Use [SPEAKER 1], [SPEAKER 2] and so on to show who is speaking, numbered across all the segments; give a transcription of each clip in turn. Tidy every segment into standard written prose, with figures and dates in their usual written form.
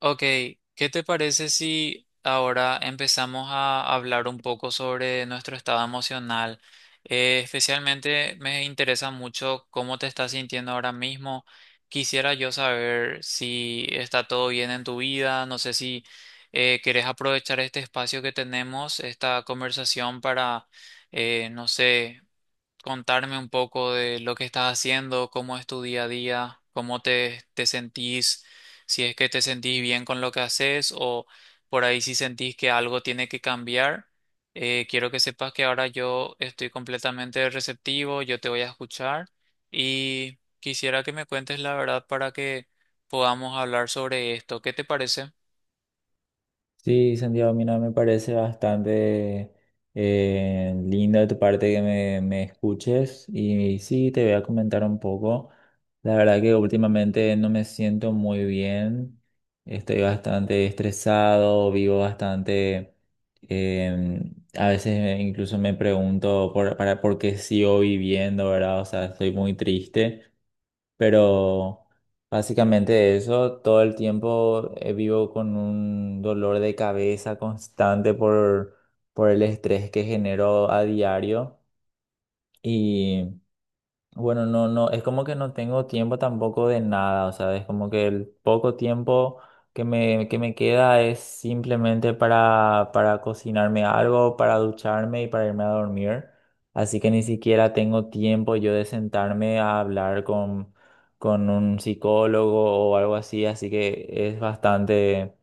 [SPEAKER 1] Ok, ¿qué te parece si ahora empezamos a hablar un poco sobre nuestro estado emocional? Especialmente me interesa mucho cómo te estás sintiendo ahora mismo. Quisiera yo saber si está todo bien en tu vida. No sé si querés aprovechar este espacio que tenemos, esta conversación para, no sé, contarme un poco de lo que estás haciendo, cómo es tu día a día, cómo te sentís, si es que te sentís bien con lo que haces o por ahí si sentís que algo tiene que cambiar. Quiero que sepas que ahora yo estoy completamente receptivo, yo te voy a escuchar y quisiera que me cuentes la verdad para que podamos hablar sobre esto. ¿Qué te parece?
[SPEAKER 2] Sí, Santiago, mira, me parece bastante lindo de tu parte que me escuches y sí, te voy a comentar un poco. La verdad que últimamente no me siento muy bien, estoy bastante estresado, vivo bastante, eh, a veces incluso me pregunto por qué sigo viviendo, ¿verdad? O sea, estoy muy triste. Pero básicamente eso, todo el tiempo vivo con un dolor de cabeza constante por el estrés que genero a diario. Bueno, no, no, es como que no tengo tiempo tampoco de nada, o sea, es como que el poco tiempo que que me queda es simplemente para cocinarme algo, para ducharme y para irme a dormir. Así que ni siquiera tengo tiempo yo de sentarme a hablar con un psicólogo o algo así, así que es bastante,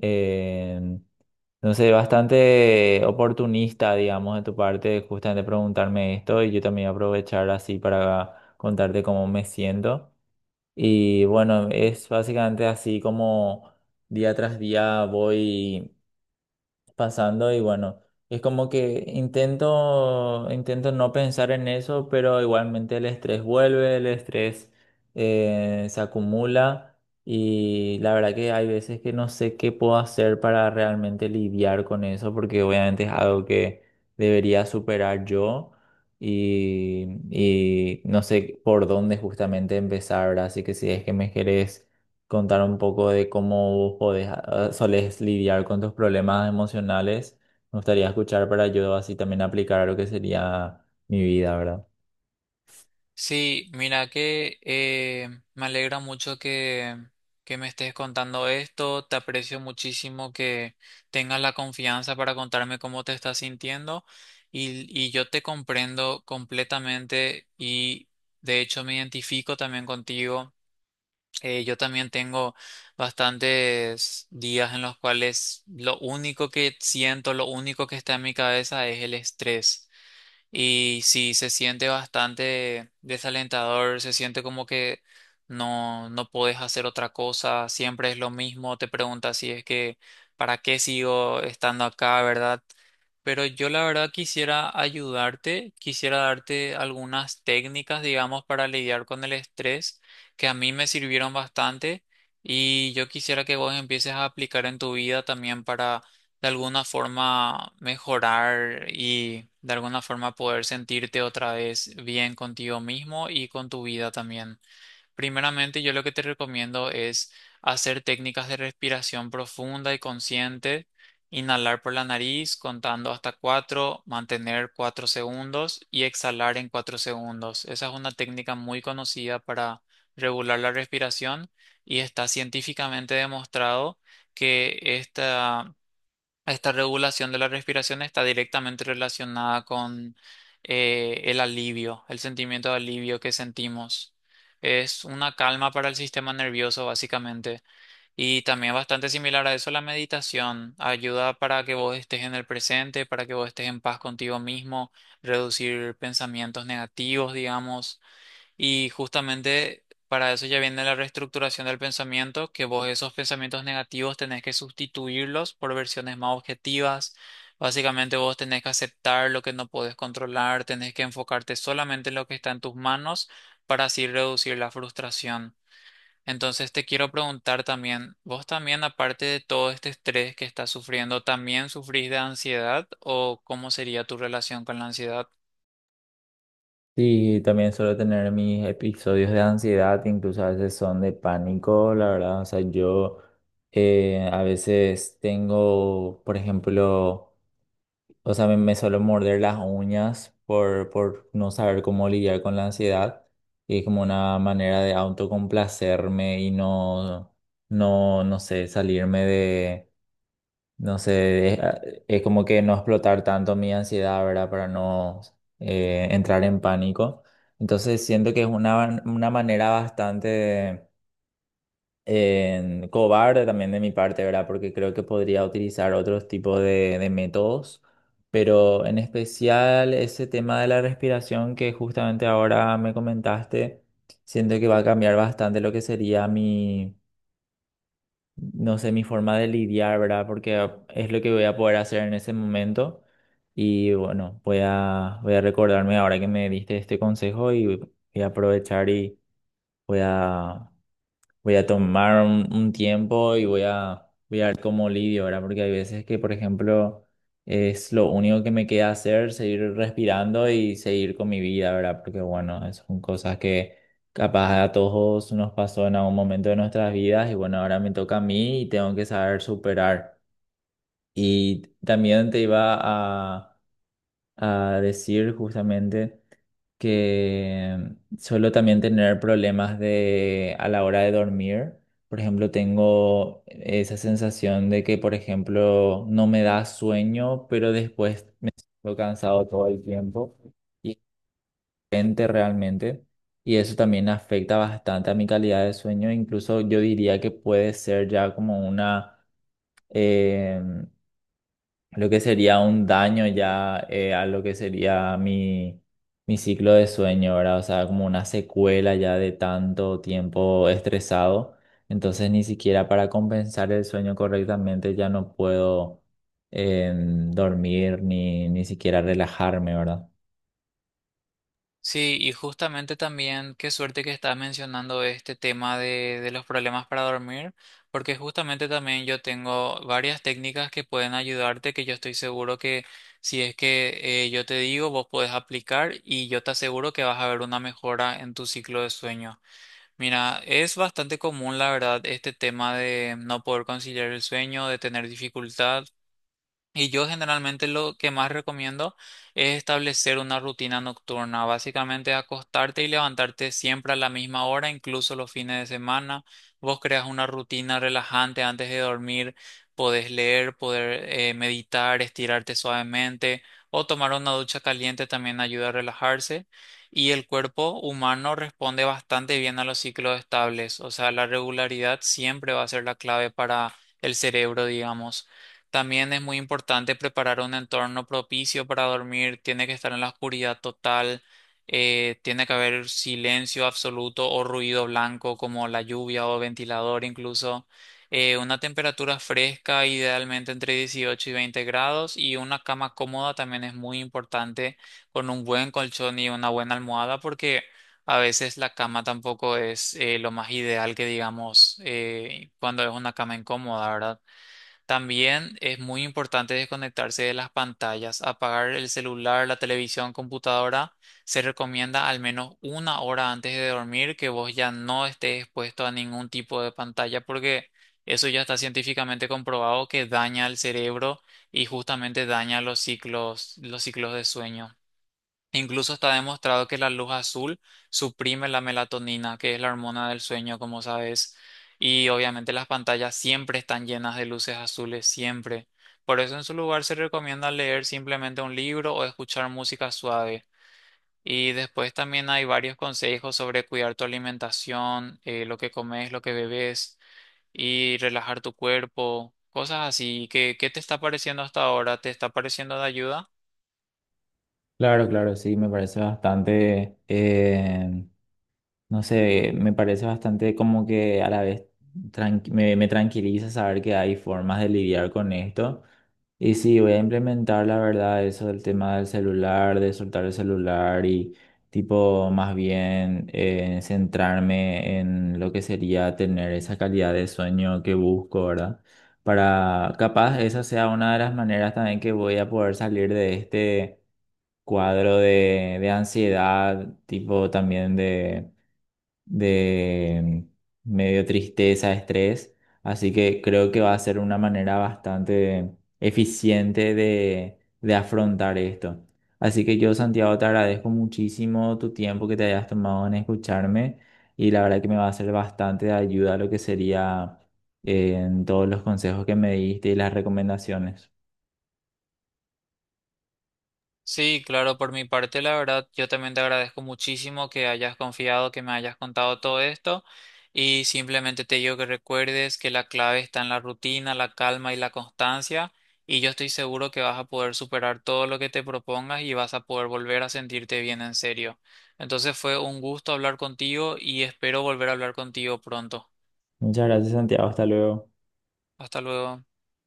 [SPEAKER 2] eh, entonces, bastante oportunista, digamos, de tu parte, justamente preguntarme esto y yo también aprovechar así para contarte cómo me siento. Y bueno, es básicamente así como día tras día voy pasando y bueno, es como que intento no pensar en eso, pero igualmente el estrés vuelve, el estrés se acumula y la verdad que hay veces que no sé qué puedo hacer para realmente lidiar con eso, porque obviamente es algo que debería superar yo. Y no sé por dónde justamente empezar, ¿verdad? Así que si es que me querés contar un poco de cómo podés, solés lidiar con tus problemas emocionales. Me gustaría escuchar para yo así también aplicar a lo que sería mi vida, ¿verdad?
[SPEAKER 1] Sí, mira que me alegra mucho que me estés contando esto. Te aprecio muchísimo que tengas la confianza para contarme cómo te estás sintiendo y yo te comprendo completamente y de hecho me identifico también contigo. Yo también tengo bastantes días en los cuales lo único que siento, lo único que está en mi cabeza es el estrés. Y sí, se siente bastante desalentador, se siente como que no puedes hacer otra cosa, siempre es lo mismo, te preguntas si es que ¿para qué sigo estando acá, verdad? Pero yo la verdad quisiera ayudarte, quisiera darte algunas técnicas, digamos, para lidiar con el estrés que a mí me sirvieron bastante y yo quisiera que vos empieces a aplicar en tu vida también, de alguna forma mejorar y de alguna forma poder sentirte otra vez bien contigo mismo y con tu vida también. Primeramente, yo lo que te recomiendo es hacer técnicas de respiración profunda y consciente, inhalar por la nariz contando hasta cuatro, mantener cuatro segundos y exhalar en cuatro segundos. Esa es una técnica muy conocida para regular la respiración y está científicamente demostrado que esta regulación de la respiración está directamente relacionada con el alivio, el sentimiento de alivio que sentimos. Es una calma para el sistema nervioso, básicamente, y también bastante similar a eso la meditación. Ayuda para que vos estés en el presente, para que vos estés en paz contigo mismo, reducir pensamientos negativos, digamos. Y justamente para eso ya viene la reestructuración del pensamiento, que vos esos pensamientos negativos tenés que sustituirlos por versiones más objetivas. Básicamente vos tenés que aceptar lo que no podés controlar, tenés que enfocarte solamente en lo que está en tus manos para así reducir la frustración. Entonces te quiero preguntar también, ¿vos también, aparte de todo este estrés que estás sufriendo, también sufrís de ansiedad o cómo sería tu relación con la ansiedad?
[SPEAKER 2] Sí, también suelo tener mis episodios de ansiedad, incluso a veces son de pánico, la verdad. O sea, yo a veces tengo, por ejemplo, o sea, me suelo morder las uñas por no saber cómo lidiar con la ansiedad. Y es como una manera de autocomplacerme y no, no sé, salirme de, no sé, es como que no explotar tanto mi ansiedad, ¿verdad? Para no entrar en pánico. Entonces siento que es una manera bastante en cobarde también de mi parte, ¿verdad? Porque creo que podría utilizar otros tipos de métodos, pero en especial ese tema de la respiración que justamente ahora me comentaste, siento que va a cambiar bastante lo que sería mi, no sé, mi forma de lidiar, ¿verdad? Porque es lo que voy a poder hacer en ese momento. Y bueno, voy a recordarme ahora que me diste este consejo y voy a aprovechar y voy a voy a tomar un tiempo y voy a ver cómo lidio, ¿verdad? Porque hay veces que, por ejemplo, es lo único que me queda hacer, seguir respirando y seguir con mi vida, ¿verdad? Porque, bueno, esas son cosas que capaz a todos nos pasó en algún momento de nuestras vidas y, bueno, ahora me toca a mí y tengo que saber superar. Y también te iba a a decir justamente que suelo también tener problemas de a la hora de dormir. Por ejemplo, tengo esa sensación de que, por ejemplo, no me da sueño, pero después me siento cansado todo el tiempo y gente realmente. Y eso también afecta bastante a mi calidad de sueño. Incluso yo diría que puede ser ya como una em, lo que sería un daño ya a lo que sería mi, mi ciclo de sueño, ¿verdad? O sea, como una secuela ya de tanto tiempo estresado. Entonces, ni siquiera para compensar el sueño correctamente ya no puedo dormir ni, ni siquiera relajarme, ¿verdad?
[SPEAKER 1] Sí, y justamente también qué suerte que estás mencionando este tema de los problemas para dormir, porque justamente también yo tengo varias técnicas que pueden ayudarte, que yo estoy seguro que si es que yo te digo, vos podés aplicar y yo te aseguro que vas a ver una mejora en tu ciclo de sueño. Mira, es bastante común, la verdad, este tema de no poder conciliar el sueño, de tener dificultad. Y yo generalmente lo que más recomiendo es establecer una rutina nocturna, básicamente acostarte y levantarte siempre a la misma hora, incluso los fines de semana. Vos creas una rutina relajante antes de dormir, podés leer, poder meditar, estirarte suavemente o tomar una ducha caliente también ayuda a relajarse. Y el cuerpo humano responde bastante bien a los ciclos estables, o sea, la regularidad siempre va a ser la clave para el cerebro, digamos. También es muy importante preparar un entorno propicio para dormir. Tiene que estar en la oscuridad total. Tiene que haber silencio absoluto o ruido blanco, como la lluvia o ventilador incluso. Una temperatura fresca, idealmente entre 18 y 20 grados. Y una cama cómoda también es muy importante, con un buen colchón y una buena almohada, porque a veces la cama tampoco es lo más ideal, que digamos cuando es una cama incómoda, ¿verdad? También es muy importante desconectarse de las pantallas, apagar el celular, la televisión, computadora. Se recomienda al menos una hora antes de dormir que vos ya no estés expuesto a ningún tipo de pantalla, porque eso ya está científicamente comprobado que daña al cerebro y justamente daña los ciclos de sueño. Incluso está demostrado que la luz azul suprime la melatonina, que es la hormona del sueño, como sabes. Y obviamente las pantallas siempre están llenas de luces azules, siempre. Por eso en su lugar se recomienda leer simplemente un libro o escuchar música suave. Y después también hay varios consejos sobre cuidar tu alimentación, lo que comes, lo que bebes y relajar tu cuerpo, cosas así. ¿Qué, qué te está pareciendo hasta ahora? ¿Te está pareciendo de ayuda?
[SPEAKER 2] Claro, claro, sí, me parece bastante. No sé, me parece bastante como que a la vez me tranquiliza saber que hay formas de lidiar con esto. Y sí, voy a implementar la verdad eso del tema del celular, de soltar el celular y tipo más bien centrarme en lo que sería tener esa calidad de sueño que busco, ¿verdad? Para capaz esa sea una de las maneras también que voy a poder salir de este cuadro de ansiedad, tipo también de medio tristeza, estrés. Así que creo que va a ser una manera bastante eficiente de afrontar esto. Así que yo, Santiago, te agradezco muchísimo tu tiempo que te hayas tomado en escucharme y la verdad que me va a ser bastante de ayuda lo que sería en todos los consejos que me diste y las recomendaciones.
[SPEAKER 1] Sí, claro, por mi parte, la verdad, yo también te agradezco muchísimo que hayas confiado, que me hayas contado todo esto, y simplemente te digo que recuerdes que la clave está en la rutina, la calma y la constancia, y yo estoy seguro que vas a poder superar todo lo que te propongas y vas a poder volver a sentirte bien en serio. Entonces fue un gusto hablar contigo y espero volver a hablar contigo pronto.
[SPEAKER 2] Muchas gracias, Santiago. Hasta luego.
[SPEAKER 1] Hasta luego.